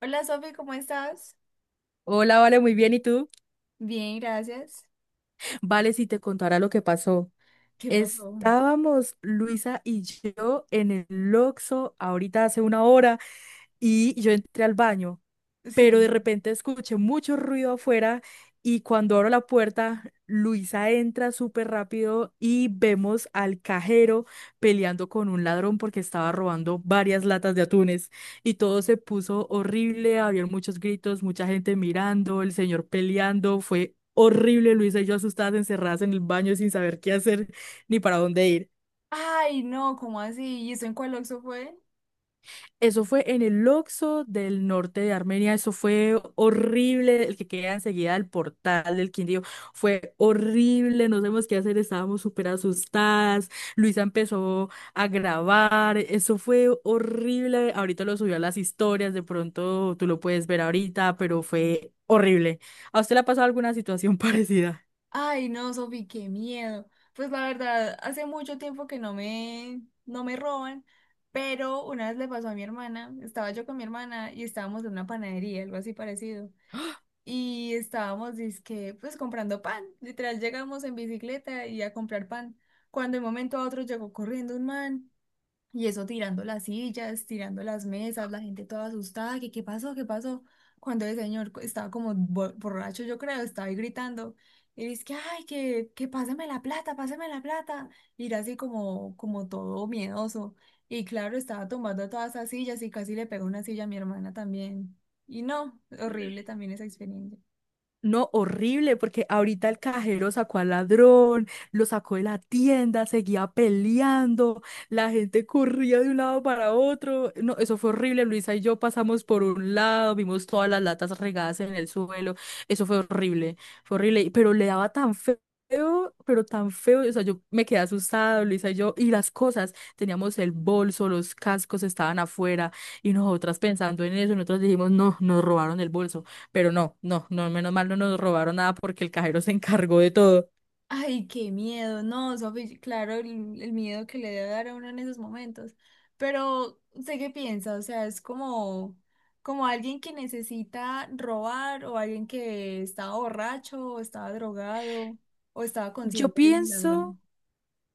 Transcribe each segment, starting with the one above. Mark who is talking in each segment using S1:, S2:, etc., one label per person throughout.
S1: Hola Sofi, ¿cómo estás?
S2: Hola, vale, muy bien. ¿Y tú?
S1: Bien, gracias.
S2: Vale, si te contara lo que pasó.
S1: ¿Qué pasó?
S2: Estábamos Luisa y yo en el Oxxo ahorita hace una hora y yo entré al baño, pero de
S1: Sí.
S2: repente escuché mucho ruido afuera y cuando abro la puerta, Luisa entra súper rápido y vemos al cajero peleando con un ladrón porque estaba robando varias latas de atunes y todo se puso horrible, había muchos gritos, mucha gente mirando, el señor peleando, fue horrible, Luisa y yo asustadas, encerradas en el baño sin saber qué hacer ni para dónde ir.
S1: Ay, no, ¿cómo así? ¿Y eso en cuál Oxxo fue?
S2: Eso fue en el Oxxo del norte de Armenia, eso fue horrible, el que queda enseguida del portal del Quindío, fue horrible, no sabemos qué hacer, estábamos súper asustadas, Luisa empezó a grabar, eso fue horrible, ahorita lo subió a las historias, de pronto tú lo puedes ver ahorita, pero fue horrible. ¿A usted le ha pasado alguna situación parecida?
S1: Ay, no, Sofi, qué miedo. Pues la verdad, hace mucho tiempo que no me roban, pero una vez le pasó a mi hermana, estaba yo con mi hermana y estábamos en una panadería, algo así parecido. Y estábamos, dizque, pues comprando pan. Literal, llegamos en bicicleta y a comprar pan. Cuando de un momento a otro llegó corriendo un man. Y eso tirando las sillas, tirando las mesas, la gente toda asustada, que qué pasó, qué pasó. Cuando el señor estaba como borracho, yo creo, estaba ahí gritando. Y dice que, ay, que páseme la plata, páseme la plata. Y era así como, como todo miedoso. Y claro, estaba tomando todas esas sillas y casi le pegó una silla a mi hermana también. Y no, horrible también esa experiencia.
S2: No, horrible, porque ahorita el cajero sacó al ladrón, lo sacó de la tienda, seguía peleando, la gente corría de un lado para otro. No, eso fue horrible. Luisa y yo pasamos por un lado, vimos todas las latas regadas en el suelo. Eso fue horrible, pero le daba tan feo, pero tan feo, o sea, yo me quedé asustada, Luisa y yo, y las cosas, teníamos el bolso, los cascos estaban afuera, y nosotras pensando en eso, nosotros dijimos, no, nos robaron el bolso. Pero no, no, no, menos mal no nos robaron nada porque el cajero se encargó de todo.
S1: Ay, qué miedo, no, Sofi, claro, el miedo que le debe dar a uno en esos momentos, pero sé qué piensa, o sea, es como, como alguien que necesita robar o alguien que estaba borracho o estaba drogado o estaba
S2: Yo
S1: consciente del
S2: pienso.
S1: ladrón.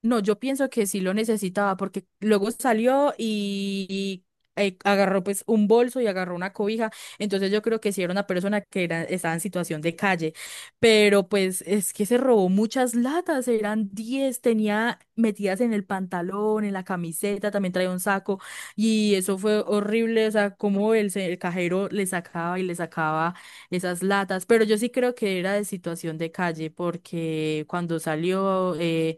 S2: No, yo pienso que sí lo necesitaba porque luego salió y agarró pues un bolso y agarró una cobija. Entonces yo creo que sí era una persona estaba en situación de calle. Pero pues es que se robó muchas latas, eran 10 tenía metidas en el pantalón, en la camiseta, también traía un saco y eso fue horrible. O sea, como el cajero le sacaba y le sacaba esas latas. Pero yo sí creo que era de situación de calle porque cuando salió...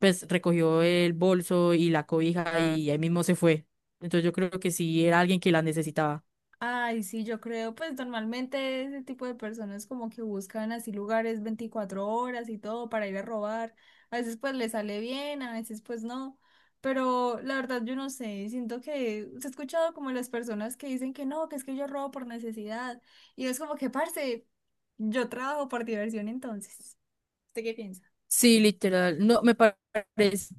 S2: pues recogió el bolso y la cobija y ahí mismo se fue. Entonces yo creo que sí era alguien que la necesitaba.
S1: Ay, sí, yo creo, pues normalmente ese tipo de personas como que buscan así lugares 24 horas y todo para ir a robar. A veces pues le sale bien, a veces pues no. Pero la verdad yo no sé, siento que se ha escuchado como las personas que dicen que no, que es que yo robo por necesidad. Y es como que, parce, yo trabajo por diversión entonces. ¿Usted qué piensa?
S2: Sí, literal. No, me parece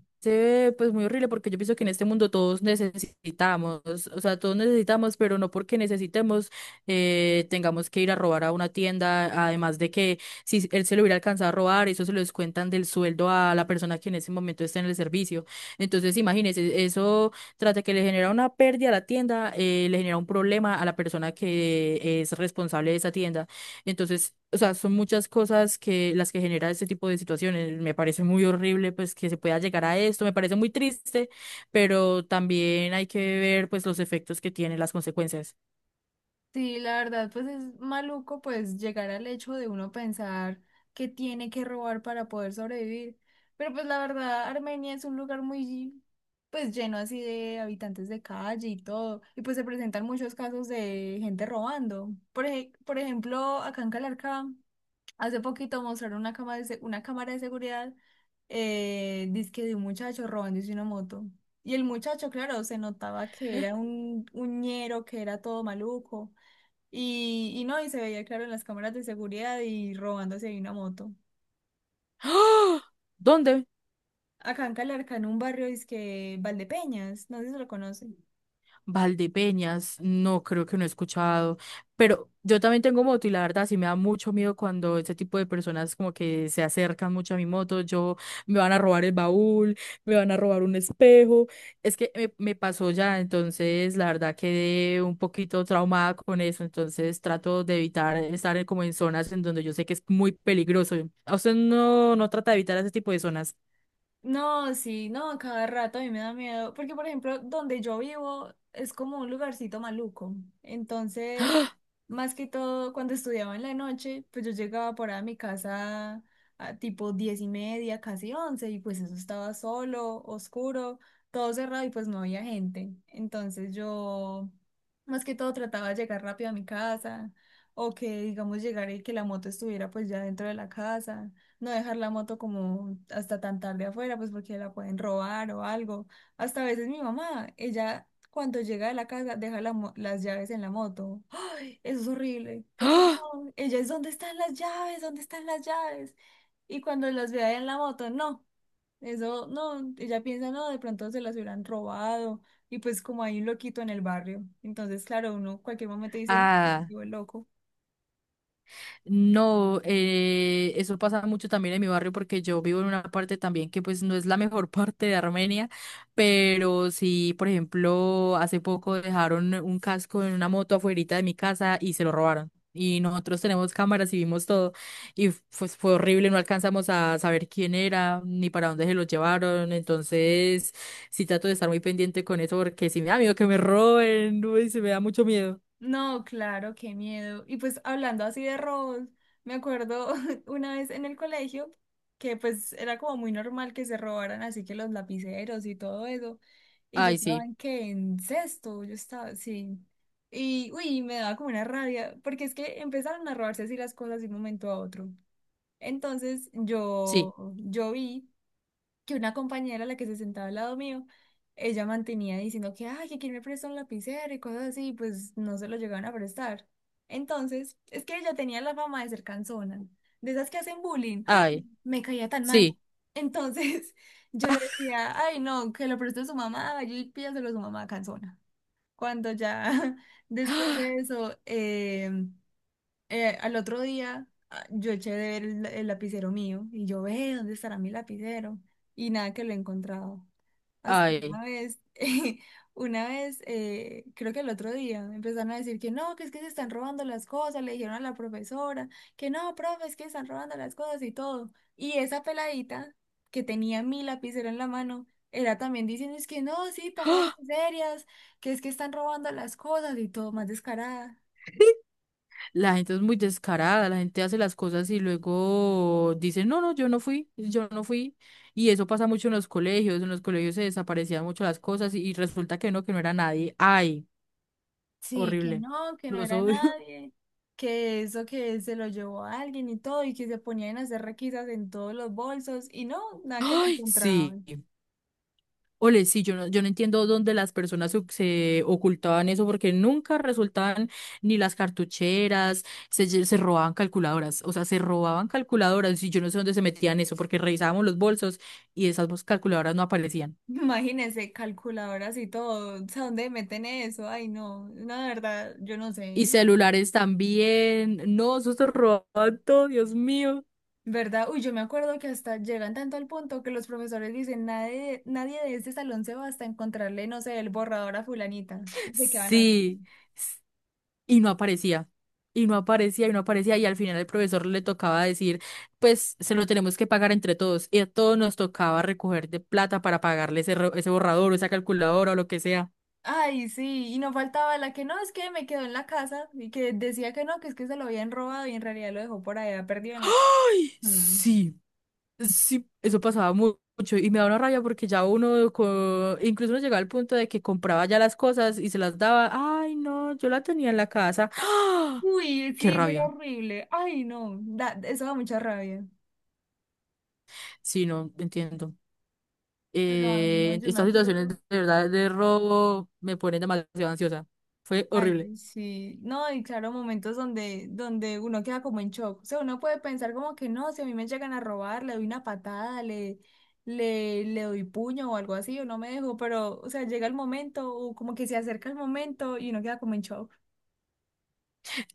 S2: pues muy horrible porque yo pienso que en este mundo todos necesitamos, o sea, todos necesitamos, pero no porque necesitemos, tengamos que ir a robar a una tienda, además de que si él se lo hubiera alcanzado a robar, eso se lo descuentan del sueldo a la persona que en ese momento está en el servicio. Entonces, imagínese, eso trata que le genera una pérdida a la tienda, le genera un problema a la persona que es responsable de esa tienda. Entonces, o sea, son muchas cosas que las que genera este tipo de situaciones. Me parece muy horrible, pues, que se pueda llegar a esto. Me parece muy triste, pero también hay que ver, pues, los efectos que tienen las consecuencias.
S1: Sí, la verdad, pues es maluco pues llegar al hecho de uno pensar que tiene que robar para poder sobrevivir. Pero pues la verdad, Armenia es un lugar muy pues lleno así de habitantes de calle y todo. Y pues se presentan muchos casos de gente robando. Por ejemplo, acá en Calarcá, hace poquito mostraron una cámara una cámara de seguridad, dizque de un muchacho robándose una moto. Y el muchacho, claro, se notaba que era un ñero, que era todo maluco. Y no, y se veía claro en las cámaras de seguridad y robándose ahí una moto.
S2: ¡Ah! ¿Dónde?
S1: Acá en Calarca, en un barrio, es que Valdepeñas, no sé si lo conoce.
S2: Valdepeñas, no creo que no he escuchado, pero yo también tengo moto y la verdad sí me da mucho miedo cuando este tipo de personas como que se acercan mucho a mi moto, yo me van a robar el baúl, me van a robar un espejo, es que me pasó ya, entonces la verdad quedé un poquito traumada con eso, entonces trato de evitar estar en- como en zonas en donde yo sé que es muy peligroso. ¿A usted no, no trata de evitar ese tipo de zonas?
S1: No, sí, no, a cada rato a mí me da miedo, porque por ejemplo, donde yo vivo es como un lugarcito maluco. Entonces, más que todo, cuando estudiaba en la noche, pues yo llegaba por ahí a mi casa a tipo 10:30, casi 11, y pues eso estaba solo, oscuro, todo cerrado y pues no había gente. Entonces yo, más que todo, trataba de llegar rápido a mi casa, o que digamos llegar y que la moto estuviera pues ya dentro de la casa no dejar la moto como hasta tan tarde afuera, pues porque la pueden robar o algo. Hasta a veces mi mamá, ella cuando llega de la casa deja las llaves en la moto. ¡Ay! Eso es horrible, porque no, ella es ¿dónde están las llaves? ¿Dónde están las llaves? Y cuando las ve ahí en la moto, no, eso no, ella piensa, no, de pronto se las hubieran robado. Y pues como hay un loquito en el barrio, entonces claro, uno cualquier momento dice,
S2: ¡Ah!
S1: no, el loco.
S2: No, eso pasa mucho también en mi barrio porque yo vivo en una parte también que pues no es la mejor parte de Armenia, pero sí, por ejemplo, hace poco dejaron un casco en una moto afuerita de mi casa y se lo robaron. Y nosotros tenemos cámaras y vimos todo y pues fue horrible, no alcanzamos a saber quién era ni para dónde se lo llevaron, entonces sí trato de estar muy pendiente con eso porque si me da miedo que me roben, uy, se me da mucho miedo.
S1: No, claro, qué miedo. Y pues hablando así de robos, me acuerdo una vez en el colegio que pues era como muy normal que se robaran así que los lapiceros y todo eso. Y yo
S2: Ay,
S1: estaba
S2: sí,
S1: en que en sexto, yo estaba, sí. Y uy, me daba como una rabia, porque es que empezaron a robarse así las cosas de un momento a otro. Entonces
S2: sí,
S1: yo vi que una compañera, la que se sentaba al lado mío, ella mantenía diciendo que, ay, que quién me presta un lapicero y cosas así, y pues no se lo llegaban a prestar. Entonces, es que ella tenía la fama de ser cansona, de esas que hacen bullying. ¡Ah!
S2: ay,
S1: Me caía tan mal.
S2: sí,
S1: Entonces, yo decía, ay, no, que lo preste a su mamá, vaya y pídaselo a su mamá cansona. Cuando ya después de eso, al otro día ah, yo eché de ver el lapicero mío y yo ve dónde estará mi lapicero y nada que lo he encontrado. Hasta
S2: ay.
S1: una vez, una vez, creo que el otro día empezaron a decir que no, que es que se están robando las cosas, le dijeron a la profesora que no, profe, es que están robando las cosas y todo. Y esa peladita que tenía mi lapicero en la mano era también diciendo es que no, sí, pónganse
S2: ¡Ah!
S1: serias, que es que están robando las cosas y todo, más descarada.
S2: ¿Sí? La gente es muy descarada, la gente hace las cosas y luego dice, no, no, yo no fui, yo no fui. Y eso pasa mucho en los colegios se desaparecían mucho las cosas y resulta que no, que no era nadie, ay,
S1: Sí,
S2: horrible,
S1: que no
S2: los
S1: era
S2: odio.
S1: nadie, que eso que se lo llevó a alguien y todo, y que se ponían a hacer requisas en todos los bolsos, y no, nada que lo
S2: Sí,
S1: encontraban.
S2: ole, sí, yo no entiendo dónde las personas se ocultaban eso porque nunca resultaban ni las cartucheras, se robaban calculadoras, o sea, se robaban calculadoras y yo no sé dónde se metían eso porque revisábamos los bolsos y esas calculadoras no aparecían.
S1: Imagínense, calculadoras y todo, o sea, ¿dónde meten eso? Ay, no, no, de verdad, yo no
S2: Y
S1: sé.
S2: celulares también. No, eso se robaban todo, Dios mío.
S1: ¿Verdad? Uy, yo me acuerdo que hasta llegan tanto al punto que los profesores dicen, nadie, nadie de este salón se va hasta encontrarle, no sé, el borrador a fulanita. No sé qué van a hacer.
S2: Sí. s- Y no aparecía. Y no aparecía, y no aparecía. Y al final el profesor le tocaba decir, pues se lo tenemos que pagar entre todos. Y a todos nos tocaba recoger de plata para pagarle ese, ese borrador o esa calculadora o lo que sea.
S1: Ay, sí, y no faltaba la que no, es que me quedó en la casa y que decía que no, que es que se lo habían robado y en realidad lo dejó por allá perdido en la casa.
S2: Ay,
S1: Mm.
S2: sí, sí, eso pasaba mucho. Y me daba una rabia porque ya uno, incluso uno llegaba al punto de que compraba ya las cosas y se las daba. Ay, no, yo la tenía en la casa.
S1: Uy,
S2: Qué
S1: sí, eso era
S2: rabia.
S1: horrible. Ay, no, eso da mucha rabia.
S2: Sí, no entiendo.
S1: Pero ay, no, yo me
S2: Estas situaciones
S1: acuerdo.
S2: de verdad de robo me ponen demasiado ansiosa. Fue horrible.
S1: Ay, sí. No, y claro, momentos donde, donde uno queda como en shock. O sea, uno puede pensar como que no, si a mí me llegan a robar, le doy una patada, le doy puño o algo así, o no me dejo, pero, o sea, llega el momento, o como que se acerca el momento y uno queda como en shock.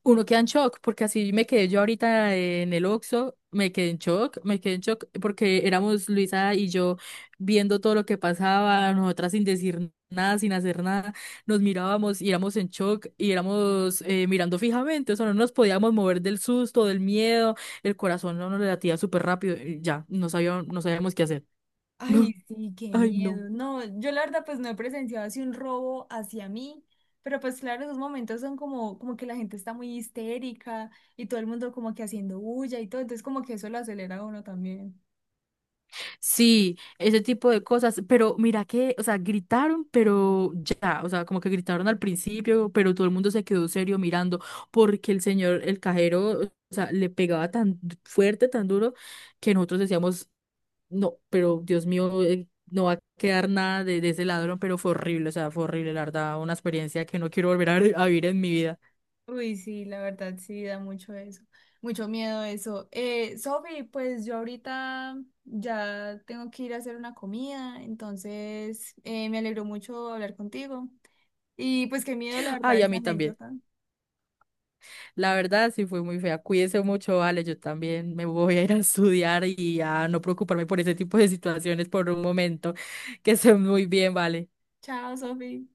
S2: Uno queda en shock porque así me quedé yo ahorita en el Oxxo, me quedé en shock, me quedé en shock porque éramos Luisa y yo viendo todo lo que pasaba, nosotras sin decir nada, sin hacer nada, nos mirábamos y éramos en shock y éramos mirando fijamente, o sea, no nos podíamos mover del susto, del miedo, el corazón no nos latía súper rápido, y ya, no sabíamos, no sabíamos qué hacer. No,
S1: Ay, sí, qué
S2: ay, no.
S1: miedo. No, yo la verdad pues no he presenciado así un robo hacia mí, pero pues claro, esos momentos son como, como que la gente está muy histérica y todo el mundo como que haciendo bulla y todo, entonces como que eso lo acelera a uno también.
S2: Sí, ese tipo de cosas, pero mira que, o sea, gritaron, pero ya, o sea, como que gritaron al principio, pero todo el mundo se quedó serio mirando porque el señor, el cajero, o sea, le pegaba tan fuerte, tan duro, que nosotros decíamos, no, pero Dios mío, no va a quedar nada de ese ladrón, pero fue horrible, o sea, fue horrible, la verdad, una experiencia que no quiero volver a vivir en mi vida.
S1: Uy, sí, la verdad sí da mucho eso, mucho miedo eso. Sofi, pues yo ahorita ya tengo que ir a hacer una comida, entonces me alegró mucho hablar contigo y pues qué miedo la verdad
S2: Ay, a
S1: esa
S2: mí también.
S1: anécdota.
S2: La verdad, sí fue muy fea. Cuídese mucho, vale. Yo también me voy a ir a estudiar y a no preocuparme por ese tipo de situaciones por un momento. Que estén muy bien, vale.
S1: Chao, Sofi.